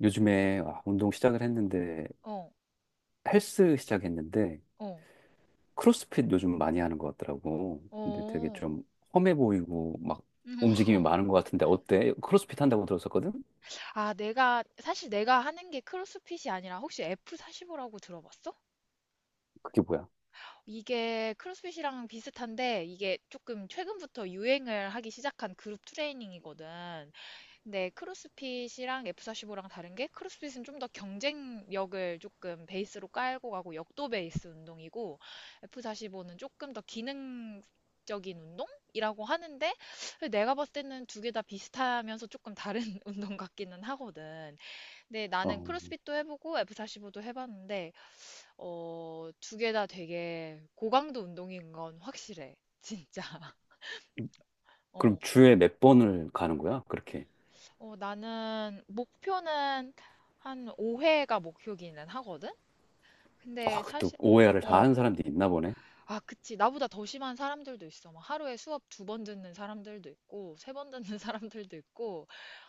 요즘에 운동 시작을 했는데 어, 헬스 시작했는데 어, 크로스핏 요즘 많이 하는 것 같더라고. 근데 되게 어. 좀 험해 보이고 막 음, 움직임이 많은 것 같은데 어때? 크로스핏 한다고 들었었거든? 아, 사실 내가 하는 게 크로스핏이 아니라 혹시 F45라고 들어봤어? 그게 뭐야? 이게 크로스핏이랑 비슷한데 이게 조금 최근부터 유행을 하기 시작한 그룹 트레이닝이거든. 네, 크로스핏이랑 F45랑 다른 게 크로스핏은 좀 더 경쟁력을 조금 베이스로 깔고 가고 역도 베이스 운동이고 F45는 조금 더 기능적인 운동이라고 하는데 내가 봤을 때는 두개 다 비슷하면서 조금 다른 운동 같기는 하거든. 근데 나는 어, 크로스핏도 해보고 F45도 해봤는데 어, 두 개 다 되게 고강도 운동인 건 확실해. 진짜. 그럼 어. 주에 몇 번을 가는 거야? 그렇게. 어, 나는 목표는 한 5회가 목표기는 하거든? 아, 근데 그것도 사실, o 해 r 을 다 어. 하는 사람들이 있나 보네. 아, 그치. 나보다 더 심한 사람들도 있어. 막 하루에 수업 두 번 듣는 사람들도 있고, 세 번 듣는 사람들도 있고,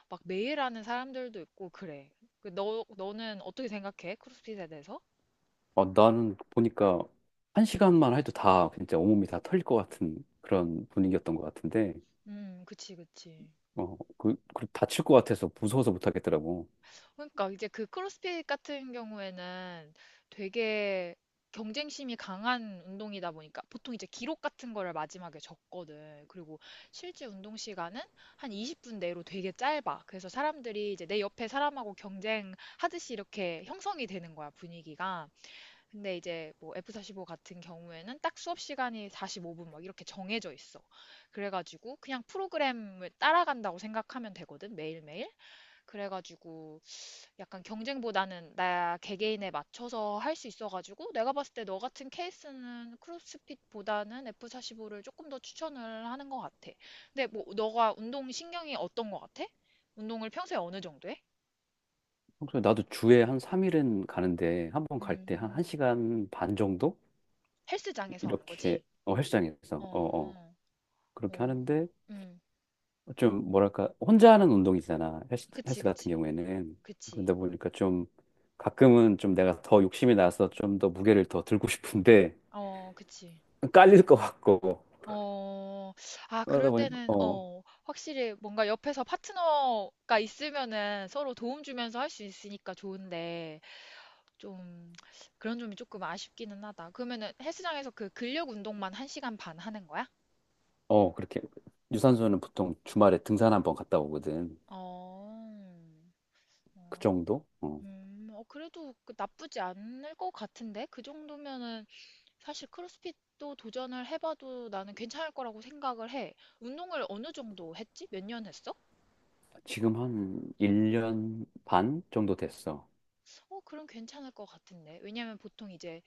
막 매일 하는 사람들도 있고, 그래. 그 너는 어떻게 생각해? 크로스핏에 대해서? 아, 나는 보니까 한 시간만 해도 다 진짜 온몸이 다 털릴 것 같은 그런 분위기였던 것 같은데 그치, 그치. 그 다칠 것 같아서 무서워서 못 하겠더라고. 그러니까 이제 그 크로스핏 같은 경우에는 되게 경쟁심이 강한 운동이다 보니까 보통 이제 기록 같은 거를 마지막에 적거든. 그리고 실제 운동 시간은 한 20분 내로 되게 짧아. 그래서 사람들이 이제 내 옆에 사람하고 경쟁하듯이 이렇게 형성이 되는 거야, 분위기가. 근데 이제 뭐 F45 같은 경우에는 딱 수업 시간이 45분 막 이렇게 정해져 있어. 그래가지고 그냥 프로그램을 따라간다고 생각하면 되거든, 매일매일. 그래가지고 약간 경쟁보다는 나 개개인에 맞춰서 할 수 있어가지고 내가 봤을 때 너 같은 케이스는 크로스핏보다는 F45를 조금 더 추천을 하는 것 같아. 근데 뭐 너가 운동 신경이 어떤 것 같아? 운동을 평소에 어느 정도 해? 평소에 나도 주에 한 3일은 가는데 한 번 갈 때 한 음, 1시간 반 정도 헬스장에서 하는 이렇게 거지? 어, 헬스장에서 어, 어, 어. 어, 그렇게 어, 하는데 음, 좀 뭐랄까 혼자 하는 운동이잖아. 헬스, 그치, 헬스 같은 그치, 경우에는. 그치, 그러다 보니까 좀 가끔은 좀 내가 더 욕심이 나서 좀 더 무게를 더 들고 싶은데 어, 그치. 깔릴 것 같고 어, 아, 그럴 그러다 보니까 때는, 어, 어, 확실히 뭔가 옆에서 파트너가 있으면은 서로 도움 주면서 할 수 있으니까 좋은데, 좀, 그런 점이 조금 아쉽기는 하다. 그러면은 헬스장에서 그 근력 운동만 1시간 반 하는 거야? 어 그렇게 유산소는 보통 주말에 등산 한번 갔다 오거든. 어, 그 어, 정도? 어. 어, 그래도 그 나쁘지 않을 것 같은데? 그 정도면은 사실 크로스핏도 도전을 해봐도 나는 괜찮을 거라고 생각을 해. 운동을 어느 정도 했지? 몇 년 했어? 지금 한 1년 반 정도 됐어. 어, 그럼 괜찮을 것 같은데. 왜냐면 보통 이제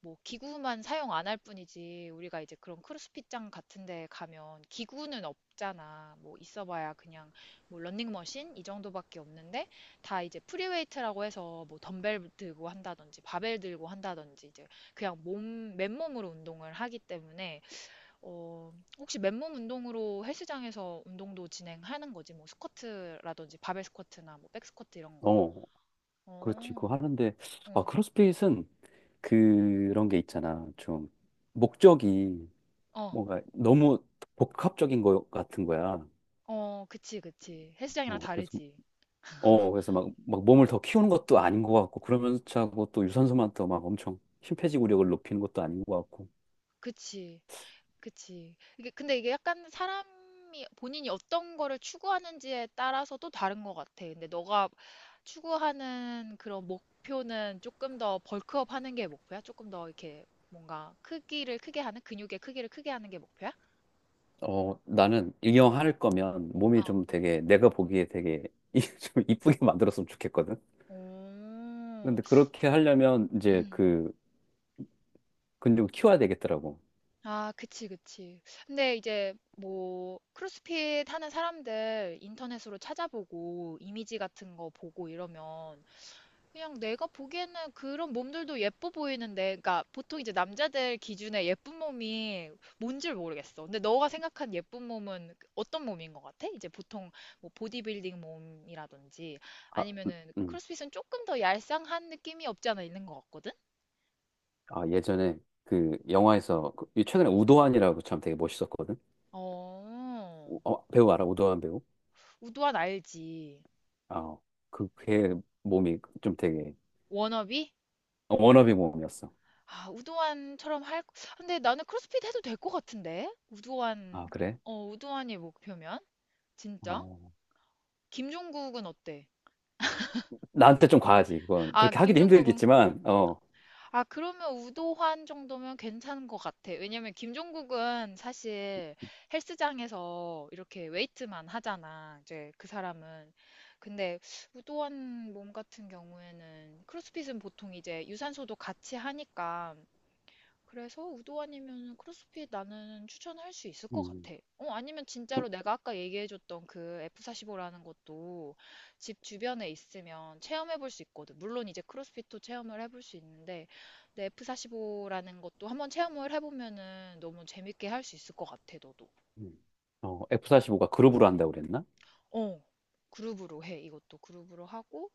뭐 기구만 사용 안 할 뿐이지 우리가 이제 그런 크로스핏장 같은 데 가면 기구는 없잖아. 뭐 있어봐야 그냥 뭐 런닝머신 이 정도밖에 없는데 다 이제 프리웨이트라고 해서 뭐 덤벨 들고 한다든지 바벨 들고 한다든지 이제 그냥 몸 맨몸으로 운동을 하기 때문에 어 혹시 맨몸 운동으로 헬스장에서 운동도 진행하는 거지 뭐 스쿼트라든지 바벨 스쿼트나 뭐 백스쿼트 이런 거. 어, 그렇지. 그거 어, 하는데, 아, 어. 크로스핏은 그런 게 있잖아. 좀, 목적이 어, 뭔가 너무 복합적인 것 같은 거야. 어, 그치, 그치. 헬스장이랑 어, 그래서, 다르지. 어, 그래서 막, 막 몸을 더 키우는 것도 아닌 것 같고, 그러면서 하고 또 유산소만 더 막 엄청 심폐지구력을 높이는 것도 아닌 것 같고. 그치, 그치. 이게, 근데 이게 약간 사람이 본인이 어떤 거를 추구하는지에 따라서 또 다른 것 같아. 근데 너가 추구하는 그런 목표는 조금 더 벌크업 하는 게 목표야? 조금 더 이렇게 뭔가 크기를 크게 하는, 근육의 크기를 크게 하는 게 목표야? 어, 나는 이왕 할 거면 몸이 어. 좀 되게, 내가 보기에 되게 좀 이쁘게 만들었으면 좋겠거든. 오, 근데 그렇게 하려면 이제 음. 그 근육을 키워야 되겠더라고. 아, 그치, 그치. 근데 이제 뭐 크로스핏 하는 사람들 인터넷으로 찾아보고 이미지 같은 거 보고 이러면 그냥 내가 보기에는 그런 몸들도 예뻐 보이는데, 그러니까 보통 이제 남자들 기준에 예쁜 몸이 뭔지 모르겠어. 근데 너가 생각한 예쁜 몸은 어떤 몸인 것 같아? 이제 보통 뭐 보디빌딩 몸이라든지 아, 아니면은 음. 크로스핏은 조금 더 얄쌍한 느낌이 없지 않아 있는 것 같거든? 아, 예전에 그 영화에서 이 최근에 우도환이라고 참 되게 멋있었거든. 어, 어, 배우 알아? 우도환 배우? 우도환 알지. 아, 그, 걔 몸이 좀 되게 워너비? 어, 워너비 몸이었어. 아, 우도환처럼 할, 근데 나는 크로스핏 해도 될 것 같은데? 우도환, 아, 그래? 어, 우도환이 목표면? 진짜? 어. 김종국은 어때? 나한테 좀 과하지, 그건. 아, 그렇게 하기도 김종국은, 힘들겠지만, 어. 아, 그러면 우도환 정도면 괜찮은 것 같아. 왜냐면 김종국은 사실 헬스장에서 이렇게 웨이트만 하잖아. 이제 그 사람은. 근데 우도환 몸 같은 경우에는 크로스핏은 보통 이제 유산소도 같이 하니까 그래서 우도 아니면 크로스핏 나는 추천할 수 있을 것 음, 같아. 어, 아니면 그, 진짜로 내가 아까 얘기해줬던 그 F45라는 것도 집 주변에 있으면 체험해볼 수 있거든. 물론 이제 크로스핏도 체험을 해볼 수 있는데, 근데 F45라는 것도 한번 체험을 해보면은 너무 재밌게 할 수 있을 것 같아, 너도. 음. 어, F45가 그룹으로 한다고 그랬나? 어, 그룹으로 해. 이것도 그룹으로 하고,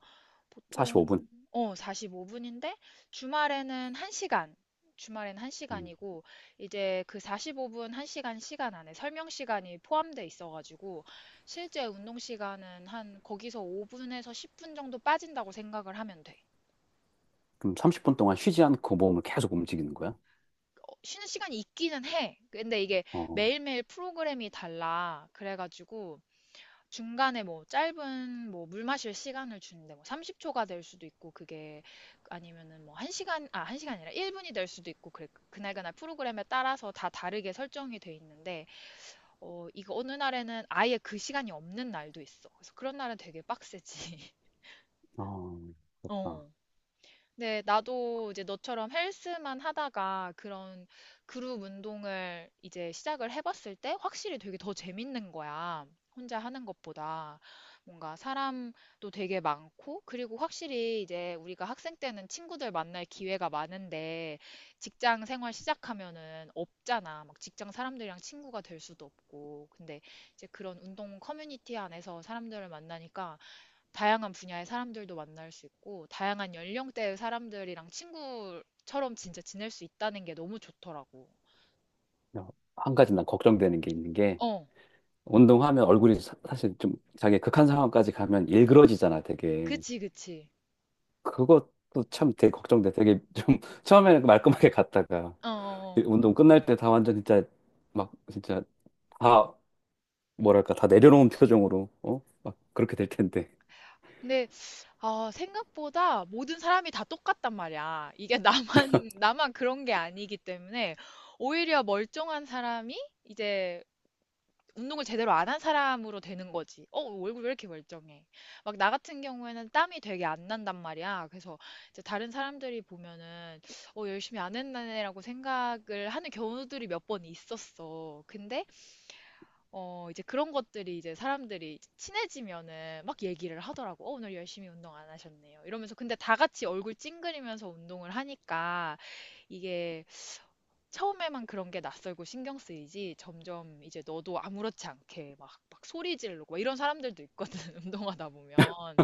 보통 45분? 어 45분인데 주말에는 1시간. 주말에는 음. 1시간이고 이제 그 45분 1시간 시간 시간 안에 설명 시간이 포함돼 있어 가지고 실제 운동 시간은 한 거기서 5분에서 10분 정도 빠진다고 생각을 하면 돼. 그럼 30분 동안 쉬지 않고 몸을 계속 움직이는 거야? 어, 쉬는 시간이 있기는 해. 근데 이게 어, 매일매일 프로그램이 달라. 그래가지고 중간에 뭐 짧은 뭐 물 마실 시간을 주는데 뭐 30초가 될 수도 있고 그게 아니면은 뭐 1시간 아 1시간이 아니라 1분이 될 수도 있고 그래 그날그날 프로그램에 따라서 다 다르게 설정이 돼 있는데 어 이거 어느 날에는 아예 그 시간이 없는 날도 있어. 그래서 그런 날은 되게 빡세지. 어, 그렇구나. 어. 네, 나도 이제 너처럼 헬스만 하다가 그런 그룹 운동을 이제 시작을 해봤을 때 확실히 되게 더 재밌는 거야. 혼자 하는 것보다. 뭔가 사람도 되게 많고, 그리고 확실히 이제 우리가 학생 때는 친구들 만날 기회가 많은데 직장 생활 시작하면은 없잖아. 막 직장 사람들이랑 친구가 될 수도 없고. 근데 이제 그런 운동 커뮤니티 안에서 사람들을 만나니까 다양한 분야의 사람들도 만날 수 있고, 다양한 연령대의 사람들이랑 친구처럼 진짜 지낼 수 있다는 게 너무 좋더라고. 야, 한 가지 난 걱정되는 게 있는 게, 어, 운동하면 얼굴이 사, 실좀 자기 극한 상황까지 가면 일그러지잖아, 되게. 그치, 그치. 그것도 참 되게 걱정돼. 되게 좀 처음에는 그 말끔하게 갔다가 어, 어, 어. 운동 끝날 때 다 완전 진짜 막 진짜 다 뭐랄까 다 내려놓은 표정으로 어? 막 그렇게 될 텐데. 근데, 아, 생각보다 모든 사람이 다 똑같단 말이야. 이게 나만, 나만 그런 게 아니기 때문에, 오히려 멀쩡한 사람이 이제 운동을 제대로 안한 사람으로 되는 거지. 어, 얼굴 왜 이렇게 멀쩡해? 막 나 같은 경우에는 땀이 되게 안 난단 말이야. 그래서 이제 다른 사람들이 보면은 어, 열심히 안 했네라고 생각을 하는 경우들이 몇 번 있었어. 근데 어, 이제 그런 것들이 이제 사람들이 친해지면은 막 얘기를 하더라고. 어, 오늘 열심히 운동 안 하셨네요. 이러면서 근데 다 같이 얼굴 찡그리면서 운동을 하니까 이게 처음에만 그런 게 낯설고 신경 쓰이지 점점 이제 너도 아무렇지 않게 막 소리 지르고 막 이런 사람들도 있거든 운동하다 보면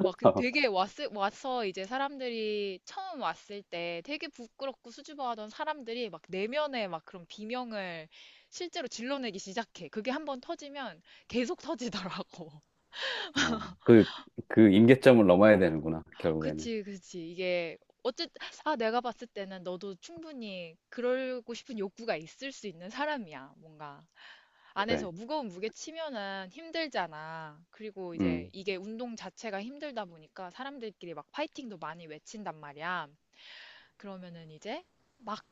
막 그 되게 왔 와서 이제 사람들이 처음 왔을 때 되게 부끄럽고 수줍어하던 사람들이 막 내면에 막 그런 비명을 실제로 질러내기 시작해. 그게 한번 터지면 계속 터지더라고. 어, 그, 그 임계점을 넘어야 되는구나, 결국에는. 그치, 그치. 이게 어쨌 아, 내가 봤을 때는 너도 충분히 그러고 싶은 욕구가 있을 수 있는 사람이야. 뭔가 안에서 그래. 무거운 무게 치면은 힘들잖아. 그리고 이제 음. 이게 운동 자체가 힘들다 보니까 사람들끼리 막 파이팅도 많이 외친단 말이야. 그러면은 이제 막,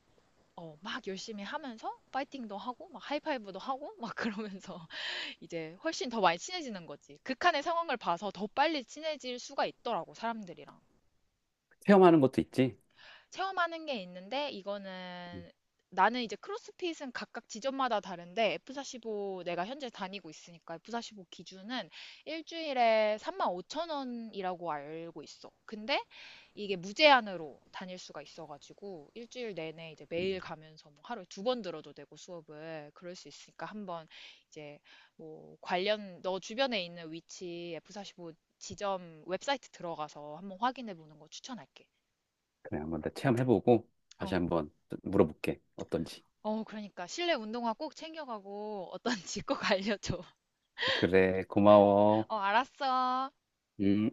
막 열심히 하면서 파이팅도 하고, 막 하이파이브도 하고, 막 그러면서 이제 훨씬 더 많이 친해지는 거지. 극한의 상황을 봐서 더 빨리 친해질 수가 있더라고, 사람들이랑. 체험하는 것도 있지? 체험하는 게 있는데 이거는 나는 이제 크로스핏은 각각 지점마다 다른데 F45 내가 현재 다니고 있으니까 F45 기준은 일주일에 35,000원이라고 알고 있어. 근데 이게 무제한으로 다닐 수가 있어가지고 일주일 내내 이제 매일 가면서 뭐 하루에 두 번 들어도 되고 수업을 그럴 수 있으니까 한번 이제 뭐 관련 너 주변에 있는 위치 F45 지점 웹사이트 들어가서 한번 확인해 보는 거 추천할게. 그래, 한번 더 체험해보고 다시 어, 한번 물어볼게. 어떤지. 어, 그러니까 실내 운동화 꼭 챙겨가고 어떤지 꼭 알려줘. 그래, 고마워. 어, 알았어. 음.